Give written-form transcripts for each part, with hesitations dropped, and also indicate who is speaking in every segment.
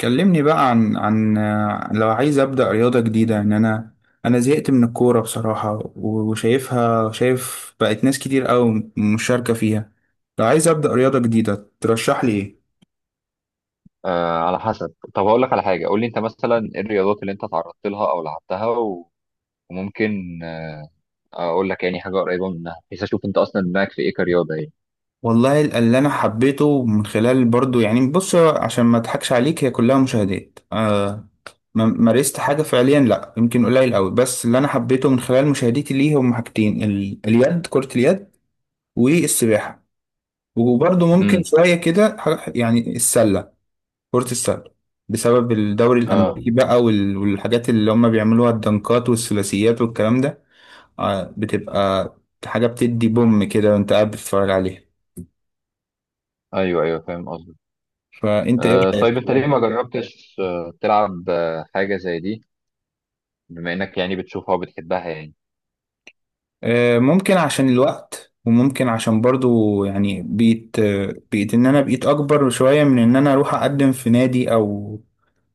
Speaker 1: كلمني بقى عن لو عايز أبدأ رياضة جديدة، يعني أنا زهقت من الكورة بصراحة، شايف بقت ناس كتير أوي مشاركة فيها. لو عايز أبدأ رياضة جديدة ترشح لي إيه؟
Speaker 2: آه، على حسب. طب هقول لك على حاجه. قول لي انت مثلا ايه الرياضات اللي انت تعرضت لها او لعبتها وممكن اقول لك يعني حاجه قريبه منها بحيث اشوف انت اصلا دماغك في ايه كرياضه يعني.
Speaker 1: والله اللي أنا حبيته من خلال، برضو يعني بص عشان ما أضحكش عليك، هي كلها مشاهدات. مارست حاجة فعليا لأ، يمكن قليل أوي. بس اللي أنا حبيته من خلال مشاهدتي ليه هم حاجتين، ال- اليد كرة اليد والسباحة. وبرضه ممكن
Speaker 2: امم
Speaker 1: شوية كده يعني السلة، كرة السلة. بسبب الدوري
Speaker 2: اه.
Speaker 1: الأمريكي بقى، والحاجات اللي هم بيعملوها، الدنكات والثلاثيات والكلام ده. بتبقى حاجة بتدي بوم كده وأنت قاعد بتتفرج عليها.
Speaker 2: ايوه، ايوه فاهم قصدك.
Speaker 1: فأنت إيه
Speaker 2: طيب
Speaker 1: رأيك؟
Speaker 2: انت ليه ما جربتش تلعب حاجه زي دي؟ بما انك يعني بتشوفها وبتحبها يعني.
Speaker 1: ممكن عشان الوقت، وممكن عشان برضو يعني بقيت إن أنا بقيت أكبر شوية من إن أنا أروح أقدم في نادي، أو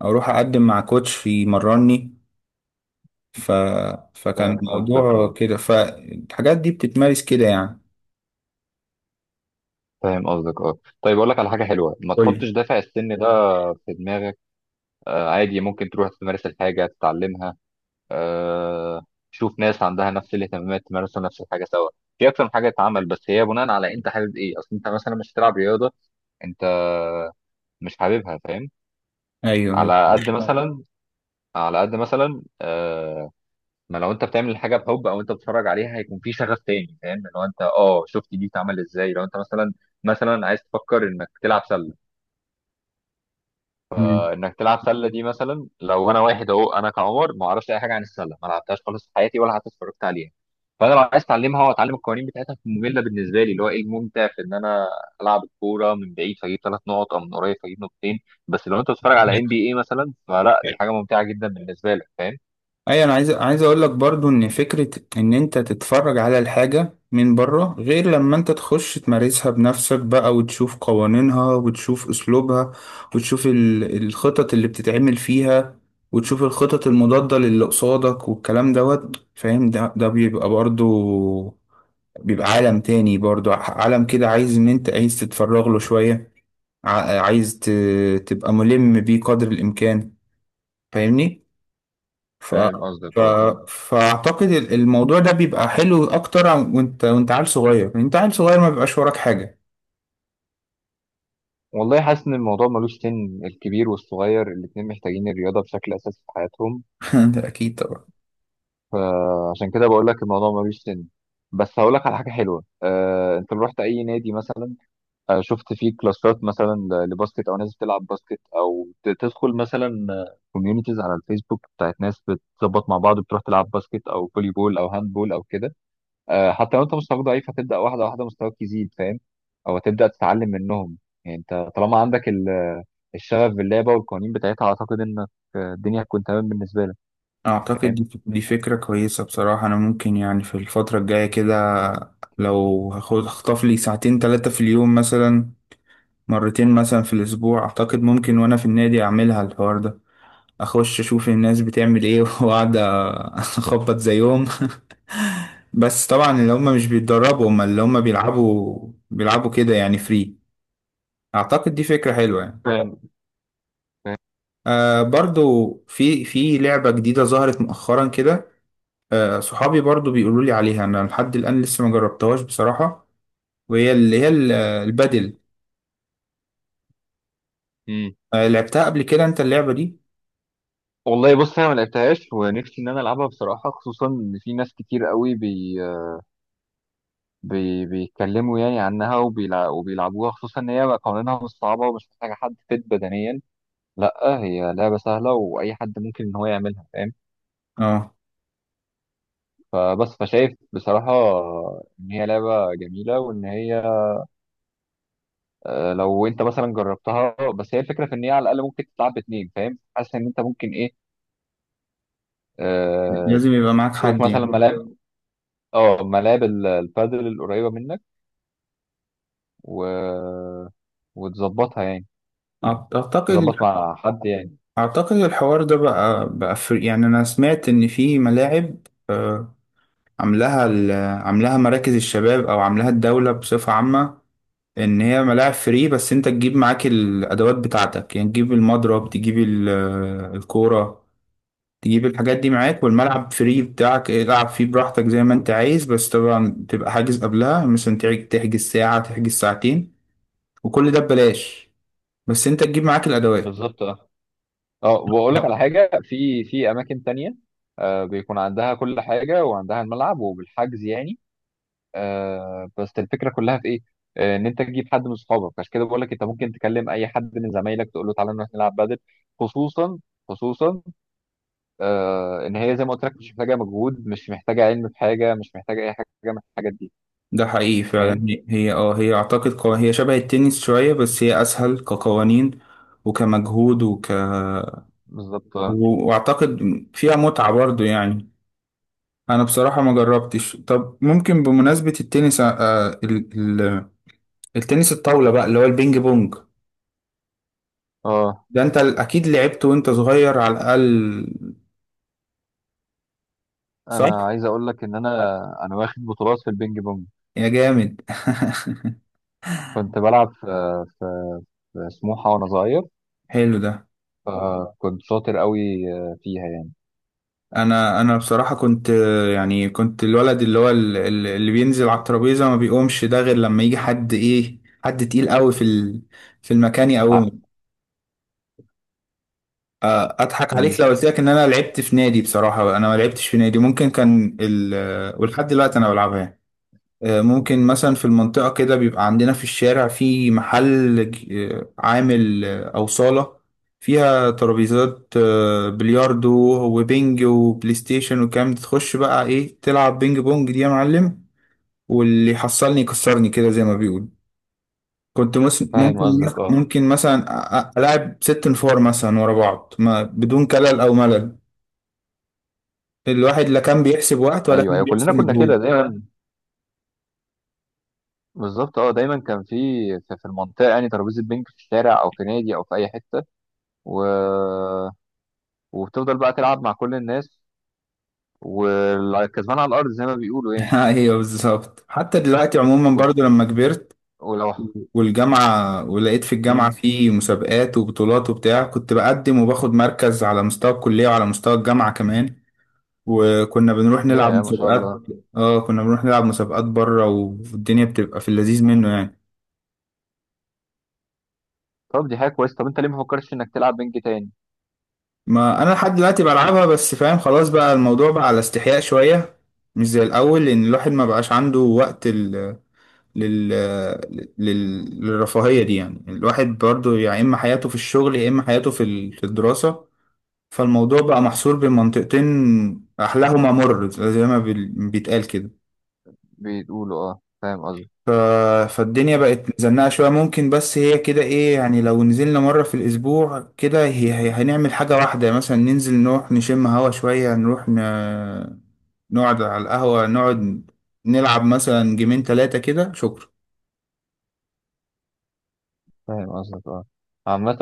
Speaker 1: أو أروح أقدم مع كوتش يمرني. ف... فكان
Speaker 2: فاهم قصدك،
Speaker 1: الموضوع
Speaker 2: اه.
Speaker 1: كده، فالحاجات دي بتتمارس كده يعني.
Speaker 2: فاهم قصدك، اه. طيب اقول لك على حاجه حلوه، ما
Speaker 1: قول
Speaker 2: تحطش
Speaker 1: لي.
Speaker 2: دافع السن ده في دماغك. عادي ممكن تروح تمارس الحاجه تتعلمها. آه، شوف ناس عندها نفس الاهتمامات تمارسوا نفس الحاجه سوا. في اكتر من حاجه تتعمل، بس هي بناء على انت حابب ايه. اصل انت مثلا مش هتلعب رياضه انت مش حاببها، فاهم؟
Speaker 1: ايوه، ايوه.
Speaker 2: على قد اه مثلا على قد مثلا، ما لو انت بتعمل الحاجه بحب او انت بتتفرج عليها هيكون في شغف تاني، فاهم؟ لو انت شفت دي اتعمل ازاي، لو انت مثلا عايز تفكر انك تلعب سله انك تلعب سله دي، مثلا لو انا واحد اهو، انا كعمر ما اعرفش اي حاجه عن السله، ما لعبتهاش خالص في حياتي ولا حتى اتفرجت عليها. فانا لو عايز اتعلمها واتعلم القوانين بتاعتها، ممله بالنسبه لي، اللي هو ايه الممتع في ان انا العب الكوره من بعيد فاجيب ثلاث نقط او من قريب فاجيب نقطتين؟ بس لو انت بتتفرج على ام
Speaker 1: تمام.
Speaker 2: بي اي مثلا، فلا، دي حاجه ممتعه جدا بالنسبه لك، فاهم.
Speaker 1: ايوه، انا عايز اقول لك برضو ان فكره ان انت تتفرج على الحاجه من بره غير لما انت تخش تمارسها بنفسك بقى، وتشوف قوانينها، وتشوف اسلوبها، وتشوف الخطط اللي بتتعمل فيها، وتشوف الخطط المضاده للي قصادك والكلام دوت، فاهم؟ ده بيبقى برضو، بيبقى عالم تاني برضو، عالم كده عايز ان انت عايز تتفرغ له شويه، عايز تبقى ملم بيه قدر الامكان، فاهمني؟ ف...
Speaker 2: فاهم قصدك،
Speaker 1: ف...
Speaker 2: اه، طبعا.
Speaker 1: فاعتقد الموضوع ده بيبقى حلو اكتر، وانت عيل صغير، يعني انت عيل صغير ما بيبقاش وراك حاجه.
Speaker 2: والله حاسس ان الموضوع ملوش سن. الكبير والصغير الاتنين محتاجين الرياضه بشكل اساسي في حياتهم.
Speaker 1: ده اكيد طبعا.
Speaker 2: فعشان كده بقول لك الموضوع ملوش سن. بس هقول لك على حاجه حلوه. انت لو رحت اي نادي مثلا، شفت فيه كلاسات مثلا لباسكت، او ناس بتلعب باسكت، او تدخل مثلا كوميونيتيز على الفيسبوك بتاعت ناس بتظبط مع بعض بتروح تلعب باسكت او فولي بول او هاند بول او كده. حتى لو انت مستواك ضعيف هتبدا واحده واحده مستواك يزيد، فاهم، او هتبدا تتعلم منهم. يعني انت طالما عندك الشغف باللعبه والقوانين بتاعتها، اعتقد انك الدنيا هتكون تمام بالنسبه لك.
Speaker 1: اعتقد
Speaker 2: فاهم
Speaker 1: دي فكره كويسه بصراحه، انا ممكن يعني في الفتره الجايه كده، لو هاخد اخطف لي ساعتين ثلاثه في اليوم مثلا، مرتين مثلا في الاسبوع. اعتقد ممكن وانا في النادي اعملها الحوار ده، اخش اشوف الناس بتعمل ايه واقعد اخبط زيهم بس طبعا اللي هم مش بيتدربوا، هم اللي هم بيلعبوا كده يعني فري. اعتقد دي فكرة حلوة يعني.
Speaker 2: فاهم.
Speaker 1: برضو في لعبة جديدة ظهرت مؤخرا كده، صحابي برضو بيقولوا لي عليها، انا لحد الآن لسه ما جربتهاش بصراحة. وهي اللي هي البادل.
Speaker 2: مم.
Speaker 1: لعبتها قبل كده انت اللعبة دي؟
Speaker 2: والله بص، انا ما لعبتهاش ونفسي ان انا العبها بصراحه، خصوصا ان في ناس كتير قوي بي بي بيتكلموا يعني عنها وبيلعبوها. خصوصا ان هي قوانينها مش صعبه ومش محتاجه حد فت بدنيا. لا، هي لعبه سهله واي حد ممكن ان هو يعملها، فاهم.
Speaker 1: اه،
Speaker 2: فبس، فشايف بصراحه ان هي لعبه جميله، وان هي لو انت مثلا جربتها. بس هي الفكره في ان هي على الاقل ممكن تتلعب باتنين، فاهم. حاسس ان انت ممكن ايه، آه،
Speaker 1: لازم يبقى معاك
Speaker 2: تشوف
Speaker 1: حد
Speaker 2: مثلا
Speaker 1: يعني.
Speaker 2: ملاعب البادل القريبه منك و... وتظبطها يعني،
Speaker 1: أعت- اعتقد
Speaker 2: تظبط مع حد يعني.
Speaker 1: اعتقد الحوار ده بقى يعني انا سمعت ان في ملاعب، آه عاملاها ال- عاملاها مراكز الشباب او عاملاها الدولة بصفة عامة. ان هي ملاعب فري، بس انت تجيب معاك الادوات بتاعتك، يعني تجيب المضرب، تجيب الكورة، تجيب الحاجات دي معاك، والملعب فري بتاعك، العب فيه براحتك زي ما انت عايز. بس طبعا تبقى حاجز قبلها، مثلا تحجز ساعة، تحجز ساعتين، وكل ده ببلاش، بس انت تجيب معاك الادوات.
Speaker 2: بالظبط، اه. اه، واقول لك على
Speaker 1: لا.
Speaker 2: حاجه. في اماكن تانية بيكون عندها كل حاجه وعندها الملعب وبالحجز يعني. بس الفكره كلها في ايه؟ ان انت تجيب حد من اصحابك. عشان كده بقول لك انت ممكن تكلم اي حد من زمايلك تقول له تعالى نروح نلعب بدل. خصوصا، خصوصا ان هي زي ما قلت لك مش محتاجه مجهود، مش محتاجه علم في حاجه، مش محتاجه اي حاجه من الحاجات دي،
Speaker 1: ده حقيقي
Speaker 2: فاهم؟
Speaker 1: فعلا، هي اعتقد، هي شبه التنس شوية، بس هي اسهل كقوانين، وكمجهود،
Speaker 2: بالظبط، اه.
Speaker 1: واعتقد فيها متعة برضو يعني. انا بصراحة ما جربتش. طب ممكن بمناسبة التنس، آه ال ال التنس الطاولة بقى اللي هو البينج بونج،
Speaker 2: آه.
Speaker 1: ده انت اكيد لعبت وانت صغير على الاقل،
Speaker 2: انا
Speaker 1: صح؟
Speaker 2: عايز اقول لك ان انا واخد بطولات في البينج بونج.
Speaker 1: يا جامد.
Speaker 2: كنت بلعب في في سموحه وانا صغير،
Speaker 1: حلو ده.
Speaker 2: فكنت شاطر قوي فيها يعني.
Speaker 1: انا بصراحة كنت، يعني كنت الولد اللي هو اللي بينزل على الترابيزة ما بيقومش، ده غير لما يجي حد ايه، حد تقيل قوي في في المكان
Speaker 2: ع-
Speaker 1: يقومه. اضحك
Speaker 2: مم.
Speaker 1: عليك لو قلت لك ان انا لعبت في نادي، بصراحة انا ما لعبتش في نادي. ممكن كان ال آه، ولحد دلوقتي انا بلعبها. ممكن مثلا في المنطقة كده بيبقى عندنا في الشارع، في محل عامل، أو صالة فيها ترابيزات، بلياردو وبينج وبلاي ستيشن. وكام تخش بقى ايه، تلعب بينج بونج دي يا معلم، واللي يحصلني يكسرني كده زي ما بيقول. كنت مس-
Speaker 2: فاهم
Speaker 1: ممكن
Speaker 2: قصدك، اه.
Speaker 1: ممكن مثلا ألعب ست نفار مثلا ورا بعض، ما بدون كلل أو ملل. الواحد لا كان بيحسب وقت ولا
Speaker 2: ايوه،
Speaker 1: كان
Speaker 2: ايوه
Speaker 1: بيحسب
Speaker 2: كلنا كنا كده
Speaker 1: مجهود.
Speaker 2: دايما. بالظبط اه، دايما كان في المنطقه يعني ترابيزه بينج في الشارع او في نادي او في اي حته و... وبتفضل بقى تلعب مع كل الناس، والكسبان على الارض زي ما بيقولوا يعني.
Speaker 1: ايوه بالظبط. حتى دلوقتي عموما
Speaker 2: وت-
Speaker 1: برضو، لما كبرت
Speaker 2: ولو
Speaker 1: والجامعة، ولقيت في الجامعة
Speaker 2: مم.
Speaker 1: في مسابقات وبطولات وبتاع، كنت بقدم وباخد مركز على مستوى الكلية وعلى مستوى الجامعة كمان. وكنا بنروح نلعب
Speaker 2: يا ما شاء
Speaker 1: مسابقات.
Speaker 2: الله.
Speaker 1: اه، كنا بنروح نلعب مسابقات بره، والدنيا بتبقى في اللذيذ منه يعني.
Speaker 2: طب دي حاجه كويسه، طب انت ليه ما فكرتش انك تلعب بينج تاني؟
Speaker 1: ما انا لحد دلوقتي بلعبها، بس فاهم، خلاص بقى الموضوع بقى على استحياء شوية، مش زي الاول، لان الواحد ما بقاش عنده وقت لل... للرفاهية دي، يعني الواحد برضو، يا يعني اما حياته في الشغل يا اما حياته في في الدراسة. فالموضوع بقى محصور بين منطقتين أحلاهما مر، زي ما بيتقال كده.
Speaker 2: بيقولوا اه،
Speaker 1: ف... فالدنيا بقت مزنقة شوية ممكن، بس هي كده إيه يعني، لو نزلنا مرة في الأسبوع كده هي هنعمل حاجة واحدة مثلا، ننزل نروح نشم هوا شوية، نروح نقعد على القهوة، نقعد نلعب مثلا جيمين تلاتة كده، شكرا.
Speaker 2: فاهم قصدك، اه. عامة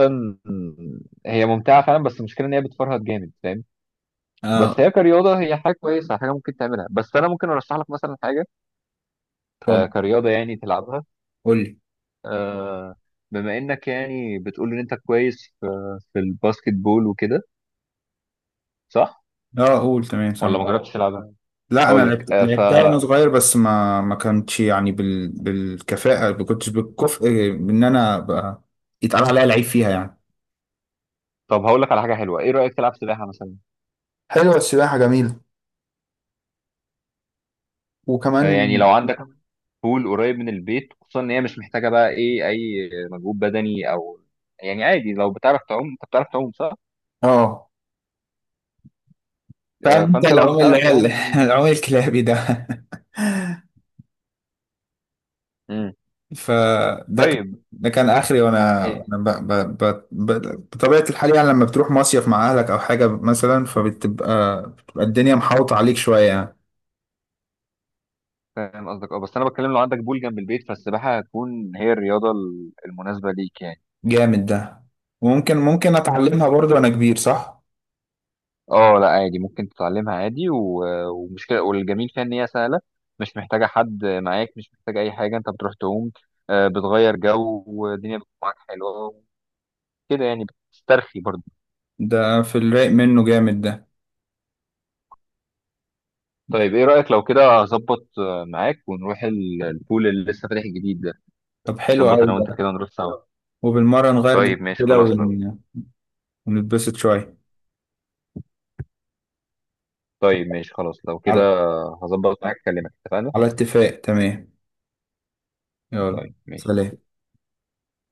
Speaker 2: هي ممتعة فعلا، بس المشكلة ان هي بتفرهد جامد، فاهم. بس
Speaker 1: اه،
Speaker 2: هي كرياضة، هي حاجة كويسة حاجة ممكن تعملها. بس انا ممكن ارشح لك مثلا حاجة
Speaker 1: اتفضل.
Speaker 2: كرياضة يعني تلعبها.
Speaker 1: قول لي.
Speaker 2: آه بما انك يعني بتقول ان انت كويس في الباسكت بول وكده، صح،
Speaker 1: اه، قول تمام،
Speaker 2: ولا
Speaker 1: سامع.
Speaker 2: ما جربتش تلعبها؟
Speaker 1: لا، انا
Speaker 2: هقول لك
Speaker 1: لعبت
Speaker 2: آه ف
Speaker 1: لعبتها وانا صغير، بس ما كانتش يعني بالكفاءه، ما كنتش بالكفء. ان انا ابقى يتقال عليا لعيب فيها يعني.
Speaker 2: طب هقول لك على حاجة حلوة. ايه رأيك تلعب سباحة مثلا؟
Speaker 1: حلوة، السباحة جميلة، وكمان.
Speaker 2: يعني لو عندك بول قريب من البيت، خصوصا ان هي مش محتاجه بقى ايه اي مجهود بدني او يعني عادي. لو بتعرف تعوم، انت بتعرف تعوم، صح؟
Speaker 1: اه، فاهم انت
Speaker 2: فانت لو
Speaker 1: العوم اللي
Speaker 2: بتعرف
Speaker 1: هي
Speaker 2: تعوم.
Speaker 1: العوم الكلابي ده.
Speaker 2: مم.
Speaker 1: فده كان
Speaker 2: طيب
Speaker 1: ده كان اخري، وانا
Speaker 2: إيه،
Speaker 1: وانا بطبيعه الحال، يعني لما بتروح مصيف مع اهلك او حاجه مثلا، فبتبقى الدنيا محاوطه عليك شويه يعني.
Speaker 2: فاهم قصدك، اه. بس انا بتكلم لو عندك بول جنب البيت فالسباحه هتكون هي الرياضه المناسبه ليك يعني.
Speaker 1: جامد ده. وممكن اتعلمها برضو وانا كبير، صح؟
Speaker 2: اه، لا، عادي ممكن تتعلمها عادي ومش كده، والجميل فيها ان هي سهله، مش محتاجه حد معاك، مش محتاجه اي حاجه، انت بتروح تعوم بتغير جو والدنيا بتكون معاك حلوه كده يعني، بتسترخي برضه.
Speaker 1: ده في الرايق منه، جامد ده.
Speaker 2: طيب ايه رأيك لو كده اظبط معاك ونروح البول اللي لسه فاتح جديد ده؟
Speaker 1: طب حلو
Speaker 2: نظبط
Speaker 1: قوي
Speaker 2: انا وانت
Speaker 1: ده.
Speaker 2: كده نروح سوا.
Speaker 1: وبالمرة نغير جو
Speaker 2: طيب ماشي
Speaker 1: كده
Speaker 2: خلاص لو
Speaker 1: ونتبسط شوية.
Speaker 2: طيب ماشي خلاص لو كده
Speaker 1: على
Speaker 2: هظبط معاك اكلمك، اتفقنا.
Speaker 1: على اتفاق، تمام، يلا،
Speaker 2: طيب ماشي
Speaker 1: سلام.